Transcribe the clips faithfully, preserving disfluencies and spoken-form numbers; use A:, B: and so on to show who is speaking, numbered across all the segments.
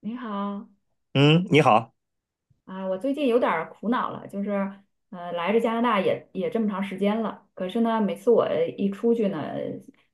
A: 你好。
B: 嗯，你好。
A: 啊，我最近有点儿苦恼了，就是，呃，来这加拿大也也这么长时间了。可是呢，每次我一出去呢，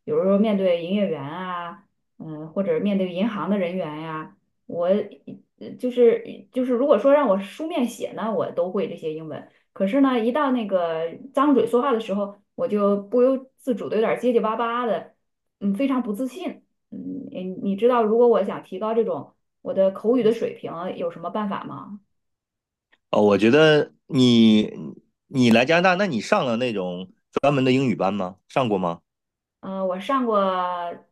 A: 有时候面对营业员啊，嗯、或者面对银行的人员呀、我呃就是就是，如果说让我书面写呢，我都会这些英文。可是呢，一到那个张嘴说话的时候，我就不由自主的有点儿结结巴巴的，嗯，非常不自信。嗯，你你知道，如果我想提高这种我的口语的水平，有什么办法吗？
B: 哦，我觉得你你来加拿大，那你上了那种专门的英语班吗？上过吗？
A: 呃，我上过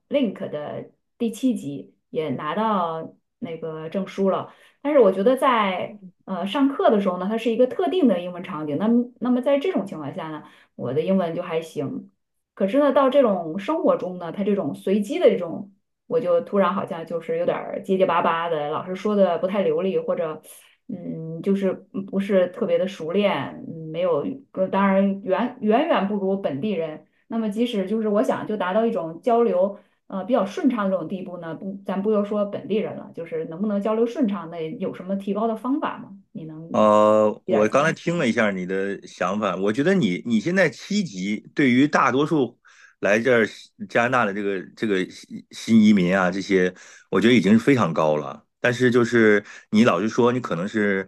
A: Link 的第七集，也拿到那个证书了。但是我觉得在呃上课的时候呢，它是一个特定的英文场景。那么那么在这种情况下呢，我的英文就还行。可是呢，到这种生活中呢，它这种随机的这种，我就突然好像就是有点儿结结巴巴的，老师说的不太流利，或者嗯，就是不是特别的熟练，嗯没有，呃当然远远远不如本地人。那么即使就是我想就达到一种交流呃比较顺畅这种地步呢，不，咱不要说本地人了，就是能不能交流顺畅，那有什么提高的方法吗？你能
B: 呃，
A: 给点
B: 我
A: 儿建
B: 刚才
A: 议
B: 听
A: 吗？
B: 了一下你的想法，我觉得你你现在七级，对于大多数来这儿加拿大的这个这个新新移民啊，这些，我觉得已经是非常高了。但是就是你老是说你可能是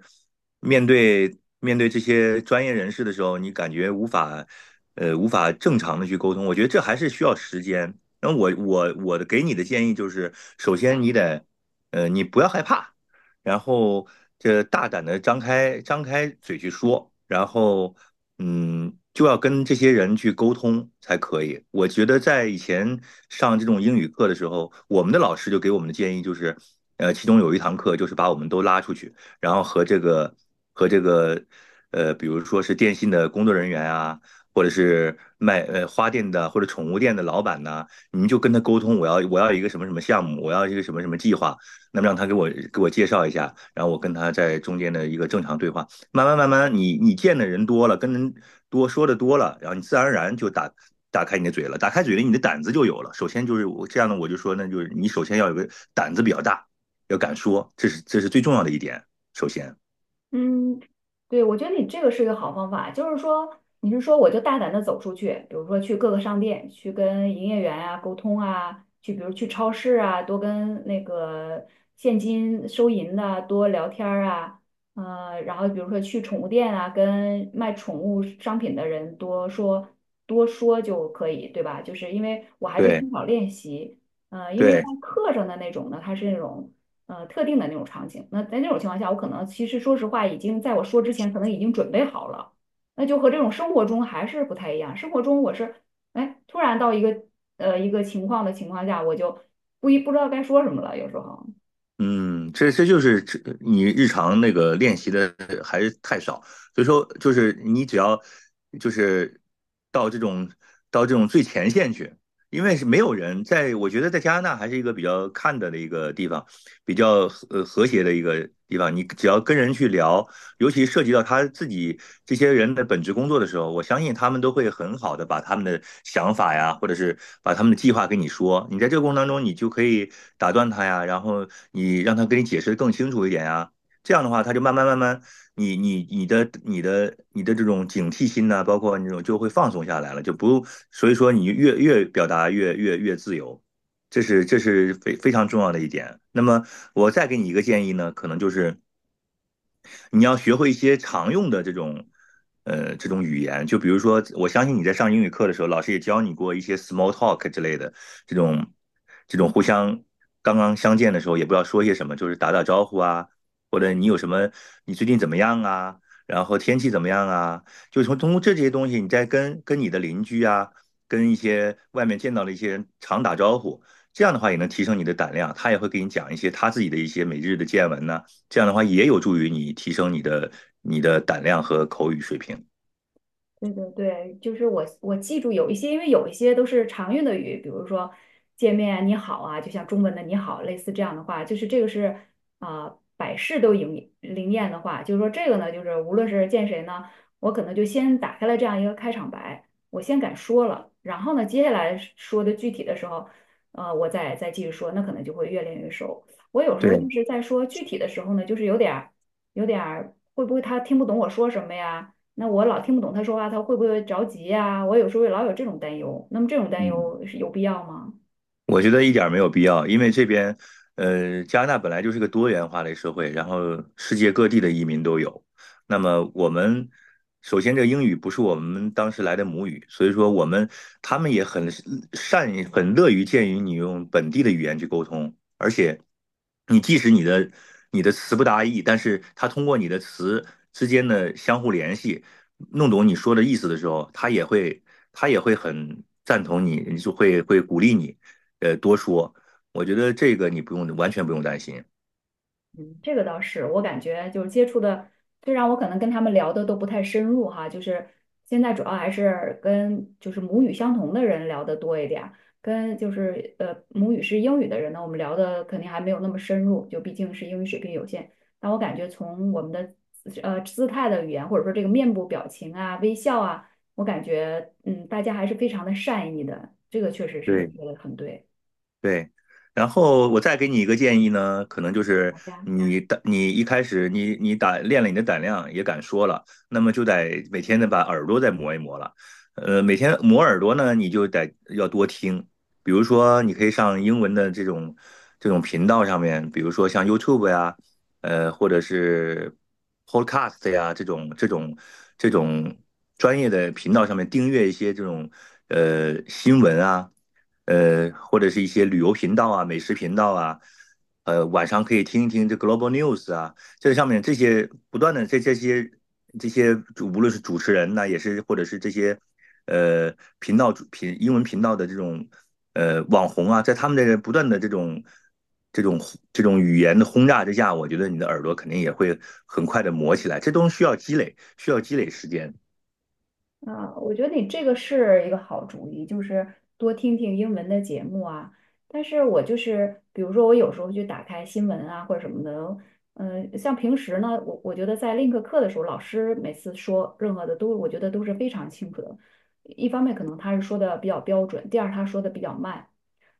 B: 面对面对这些专业人士的时候，你感觉无法呃无法正常的去沟通，我觉得这还是需要时间。那我我我的给你的建议就是，首先你得，呃你不要害怕。然后这大胆的张开张开嘴去说，然后嗯，就要跟这些人去沟通才可以。我觉得在以前上这种英语课的时候，我们的老师就给我们的建议就是，呃，其中有一堂课就是把我们都拉出去，然后和这个和这个呃，比如说是电信的工作人员啊。或者是卖呃花店的或者宠物店的老板呐，你们就跟他沟通，我要我要一个什么什么项目，我要一个什么什么计划，那么让他给我给我介绍一下，然后我跟他在中间的一个正常对话，慢慢慢慢你，你你见的人多了，跟人多说的多了，然后你自然而然就打打开你的嘴了，打开嘴了，你的胆子就有了。首先就是我这样呢，我就说，那就是你首先要有个胆子比较大，要敢说，这是这是最重要的一点。首先，
A: 嗯，对，我觉得你这个是一个好方法。就是说，你是说我就大胆的走出去，比如说去各个商店，去跟营业员啊沟通啊，去比如去超市啊，多跟那个现金收银的啊多聊天儿啊，呃，然后比如说去宠物店啊，跟卖宠物商品的人多说多说就可以，对吧？就是因为我还是
B: 对
A: 缺少练习。呃，因为在
B: 对。
A: 课上的那种呢，它是那种。呃特定的那种场景。那在那种情况下，我可能其实说实话，已经在我说之前，可能已经准备好了。那就和这种生活中还是不太一样。生活中我是，哎，突然到一个呃一个情况的情况下，我就不一不知道该说什么了，有时候。
B: 嗯，这这就是这你日常那个练习的还是太少，所以说就是你只要就是到这种到这种最前线去，因为是没有人在，我觉得在加拿大还是一个比较看的的一个地方，比较和呃和谐的一个地方。你只要跟人去聊，尤其涉及到他自己这些人的本职工作的时候，我相信他们都会很好的把他们的想法呀，或者是把他们的计划跟你说。你在这个过程当中，你就可以打断他呀，然后你让他跟你解释的更清楚一点呀。这样的话，他就慢慢慢慢，你你你的你的你的这种警惕心呐、啊包括那种就会放松下来了，就不，所以说你越越表达越越越自由，这是这是非非常重要的一点。那么我再给你一个建议呢，可能就是你要学会一些常用的这种呃这种语言，就比如说，我相信你在上英语课的时候，老师也教你过一些 small talk 之类的这种这种互相刚刚相见的时候也不知道说些什么，就是打打招呼啊，或者你有什么，你最近怎么样啊？然后天气怎么样啊？就从通过这些东西，你再跟跟你的邻居啊，跟一些外面见到的一些人常打招呼，这样的话也能提升你的胆量。他也会给你讲一些他自己的一些每日的见闻呢、啊这样的话也有助于你提升你的你的胆量和口语水平。
A: 对对对，就是我我记住有一些，因为有一些都是常用的语，比如说见面你好啊，就像中文的你好，类似这样的话，就是这个是啊、百试都灵灵验的话，就是说这个呢，就是无论是见谁呢，我可能就先打开了这样一个开场白，我先敢说了，然后呢，接下来说的具体的时候，呃，我再再继续说，那可能就会越练越熟。我有时候就
B: 对，
A: 是在说具体的时候呢，就是有点儿有点儿会不会他听不懂我说什么呀？那我老听不懂他说话，他会不会着急呀？我有时候也老有这种担忧。那么这种担
B: 嗯。
A: 忧是有必要吗？
B: 我觉得一点儿没有必要，因为这边，呃，加拿大本来就是个多元化的社会，然后世界各地的移民都有。那么我们首先这个英语不是我们当时来的母语，所以说我们他们也很善于很乐于见于你用本地的语言去沟通，而且你即使你的你的词不达意，但是他通过你的词之间的相互联系，弄懂你说的意思的时候，他也会他也会很赞同你，就会会鼓励你。呃多说。我觉得这个你不用完全不用担心。
A: 嗯，这个倒是。我感觉就是接触的，虽然我可能跟他们聊的都不太深入哈，就是现在主要还是跟就是母语相同的人聊的多一点儿，跟就是呃母语是英语的人呢，我们聊的肯定还没有那么深入，就毕竟是英语水平有限。但我感觉从我们的呃姿态的语言，或者说这个面部表情啊、微笑啊，我感觉嗯大家还是非常的善意的，这个确实是你
B: 对，
A: 说的很对。
B: 对，然后我再给你一个建议呢，可能就是
A: 好呀。
B: 嗯你胆，你一开始你你打练了你的胆量，也敢说了，那么就得每天得把耳朵再磨一磨了。呃，每天磨耳朵呢，你就得要多听，比如说你可以上英文的这种这种频道上面，比如说像 YouTube 呀，呃，或者是 Podcast 呀这种这种这种专业的频道上面订阅一些这种呃新闻啊。呃，或者是一些旅游频道啊、美食频道啊，呃，晚上可以听一听这 Global News 啊，这上面这些不断的这这些这些主无论是主持人呐、也是或者是这些呃频道主频英文频道的这种呃网红啊，在他们的不断的这种这种这种语言的轰炸之下，我觉得你的耳朵肯定也会很快的磨起来，这都需要积累，需要积累时间。
A: 啊，我觉得你这个是一个好主意，就是多听听英文的节目啊。但是我就是，比如说我有时候去打开新闻啊或者什么的，嗯、像平时呢，我我觉得在 link 课的时候，老师每次说任何的都，我觉得都是非常清楚的。一方面可能他是说的比较标准，第二他说的比较慢，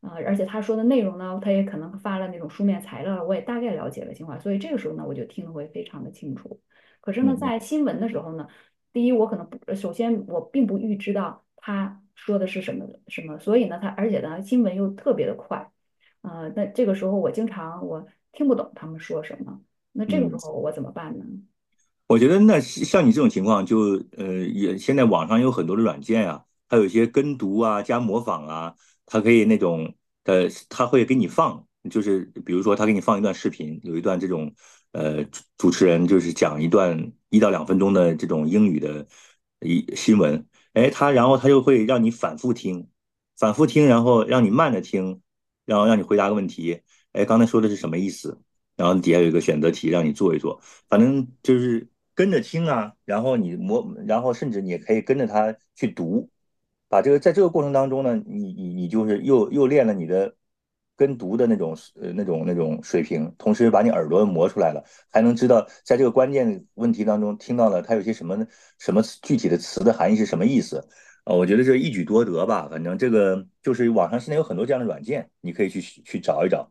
A: 啊、而且他说的内容呢，他也可能发了那种书面材料，我也大概了解了情况，所以这个时候呢，我就听得会非常的清楚。可是
B: 嗯
A: 呢，
B: 哼。
A: 在新闻的时候呢。第一，我可能不，呃首先我并不预知到他说的是什么什么，所以呢，他而且呢，新闻又特别的快，呃，那这个时候我经常我听不懂他们说什么，那这个时
B: 嗯。
A: 候我怎么办呢？
B: 我觉得那像你这种情况就，呃，也现在网上有很多的软件啊，它有一些跟读啊、加模仿啊，它可以那种，呃，它会给你放，就是比如说它给你放一段视频，有一段这种呃主主持人就是讲一段一到两分钟的这种英语的一新闻，哎，它然后它就会让你反复听，反复听，然后让你慢着听，然后让你回答个问题，哎，刚才说的是什么意思？然后底下有一个选择题让你做一做。反正就是跟着听啊，然后你磨，然后甚至你也可以跟着他去读，把这个在这个过程当中呢，你你你就是又又练了你的跟读的那种呃那种那种水平，同时把你耳朵磨出来了，还能知道在这个关键问题当中听到了它有些什么什么具体的词的含义是什么意思。啊，我觉得这一举多得吧，反正这个就是网上现在有很多这样的软件，你可以去去找一找。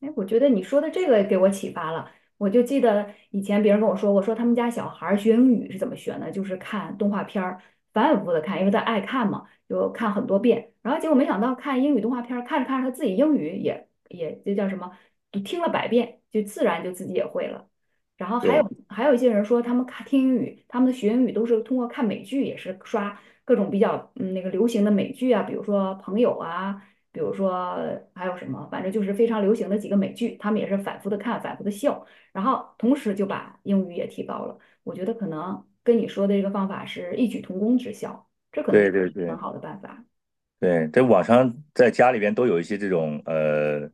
A: 哎，我觉得你说的这个给我启发了。我就记得以前别人跟我说，我说他们家小孩儿学英语是怎么学呢？就是看动画片儿，反反复复的看，因为他爱看嘛，就看很多遍。然后结果没想到看英语动画片儿，看着看着他自己英语也也这叫什么，就听了百遍，就自然就自己也会了。然后还有
B: 对
A: 还有一些人说，他们看听英语，他们的学英语都是通过看美剧，也是刷各种比较嗯那个流行的美剧啊，比如说《朋友》啊。比如说还有什么，反正就是非常流行的几个美剧，他们也是反复的看，反复的笑，然后同时就把英语也提高了。我觉得可能跟你说的这个方法是异曲同工之效，这可能也
B: 对对
A: 是很
B: 对。
A: 好的办法。
B: 对，在网上在家里边都有一些这种呃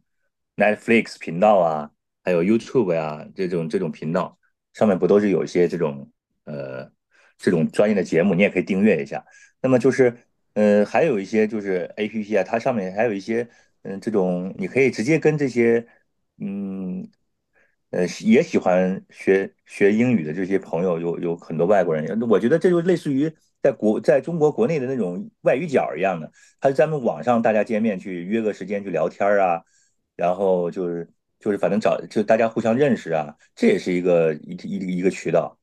B: Netflix 频道啊，还有 YouTube 呀、这种这种频道，上面不都是有一些这种呃这种专业的节目，你也可以订阅一下。那么就是呃还有一些就是 A P P 啊，它上面还有一些嗯、呃这种你可以直接跟这些嗯呃也喜欢学学英语的这些朋友有有很多外国人，我觉得这就类似于在国在中国国内的那种外语角儿一样的。还是咱们网上大家见面去约个时间去聊天啊，然后就是就是反正找就大家互相认识啊，这也是一个一一个一个渠道。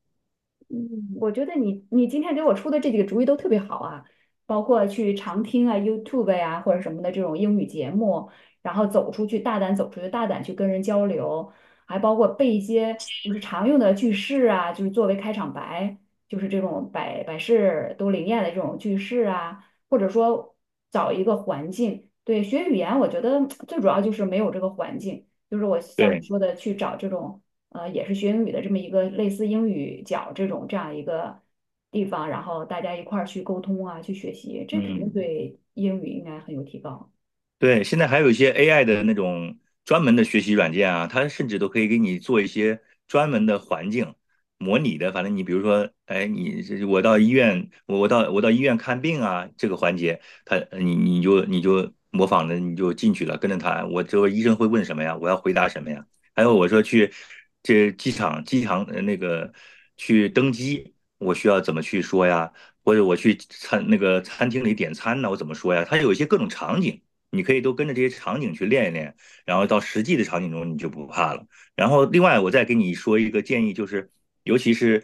A: 嗯，我觉得你你今天给我出的这几个主意都特别好啊。包括去常听啊、YouTube 呀、或者什么的这种英语节目，然后走出去，大胆走出去，大胆去跟人交流，还包括背一些就是常用的句式啊，就是作为开场白，就是这种百百事都灵验的这种句式啊，或者说找一个环境，对，学语言我觉得最主要就是没有这个环境，就是我像你
B: 对，
A: 说的去找这种。呃，也是学英语的这么一个类似英语角这种这样一个地方，然后大家一块儿去沟通啊，去学习，这肯定
B: 嗯。
A: 对英语应该很有提高。
B: 对，现在还有一些 A I 的那种专门的学习软件啊，它甚至都可以给你做一些专门的环境模拟的。反正你比如说，哎，你这我到医院，我我到我到医院看病啊，这个环节，它你你就你就模仿着你就进去了，跟着他，我这个医生会问什么呀？我要回答什么呀？还有我说去这机场机场呃那个去登机，我需要怎么去说呀？或者我去餐那个餐厅里点餐呢，我怎么说呀？它有一些各种场景。你可以都跟着这些场景去练一练，然后到实际的场景中你就不怕了。然后另外我再给你说一个建议，就是尤其是，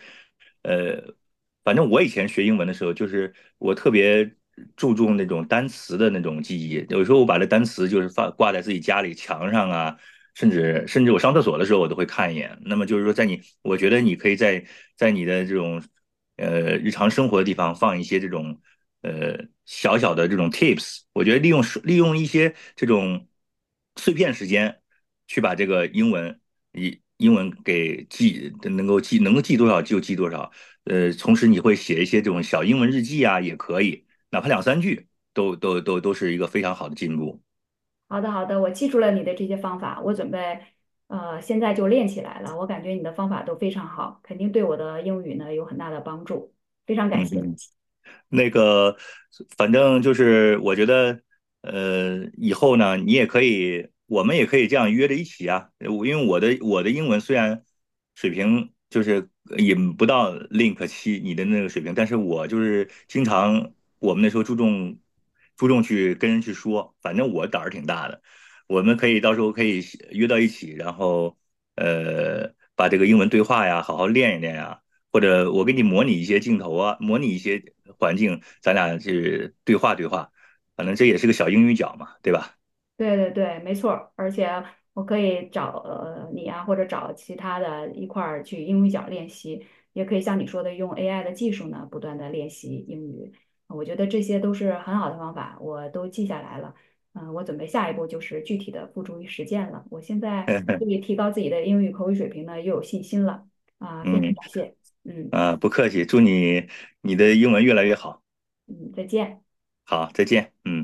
B: 呃，反正我以前学英文的时候，就是我特别注重那种单词的那种记忆，有时候我把这单词就是放挂在自己家里墙上啊。甚至甚至我上厕所的时候，我都会看一眼。那么就是说，在你，我觉得你可以在在你的这种呃日常生活的地方放一些这种呃小小的这种 tips，我觉得利用利用一些这种碎片时间去把这个英文英英文给记，能够记能够记多少就记多少。呃，同时你会写一些这种小英文日记啊，也可以，哪怕两三句都都都都是一个非常好的进步。
A: 好的，好的，我记住了你的这些方法。我准备呃现在就练起来了。我感觉你的方法都非常好，肯定对我的英语呢有很大的帮助，非常感
B: 嗯
A: 谢。
B: 嗯。那个，反正就是我觉得，呃，以后呢，你也可以，我们也可以这样约着一起啊。我因为我的我的英文虽然水平就是也不到 Link 七你的那个水平，但是我就是经常我们那时候注重注重去跟人去说，反正我胆儿挺大的。我们可以到时候可以约到一起，然后，呃，把这个英文对话呀，好好练一练呀。或者我给你模拟一些镜头啊，模拟一些环境，咱俩去对话对话，反正这也是个小英语角嘛，对吧？
A: 对对对，没错儿。而且我可以找呃你啊，或者找其他的一块儿去英语角练习，也可以像你说的用 A I 的技术呢，不断的练习英语。我觉得这些都是很好的方法，我都记下来了。嗯、我准备下一步就是具体的付诸于实践了。我现在对于 提高自己的英语口语水平呢，又有信心了啊、非常
B: 嗯
A: 感谢。嗯
B: 啊，呃不客气，祝你你的英文越来越好。
A: 嗯，再见。
B: 好，再见，嗯。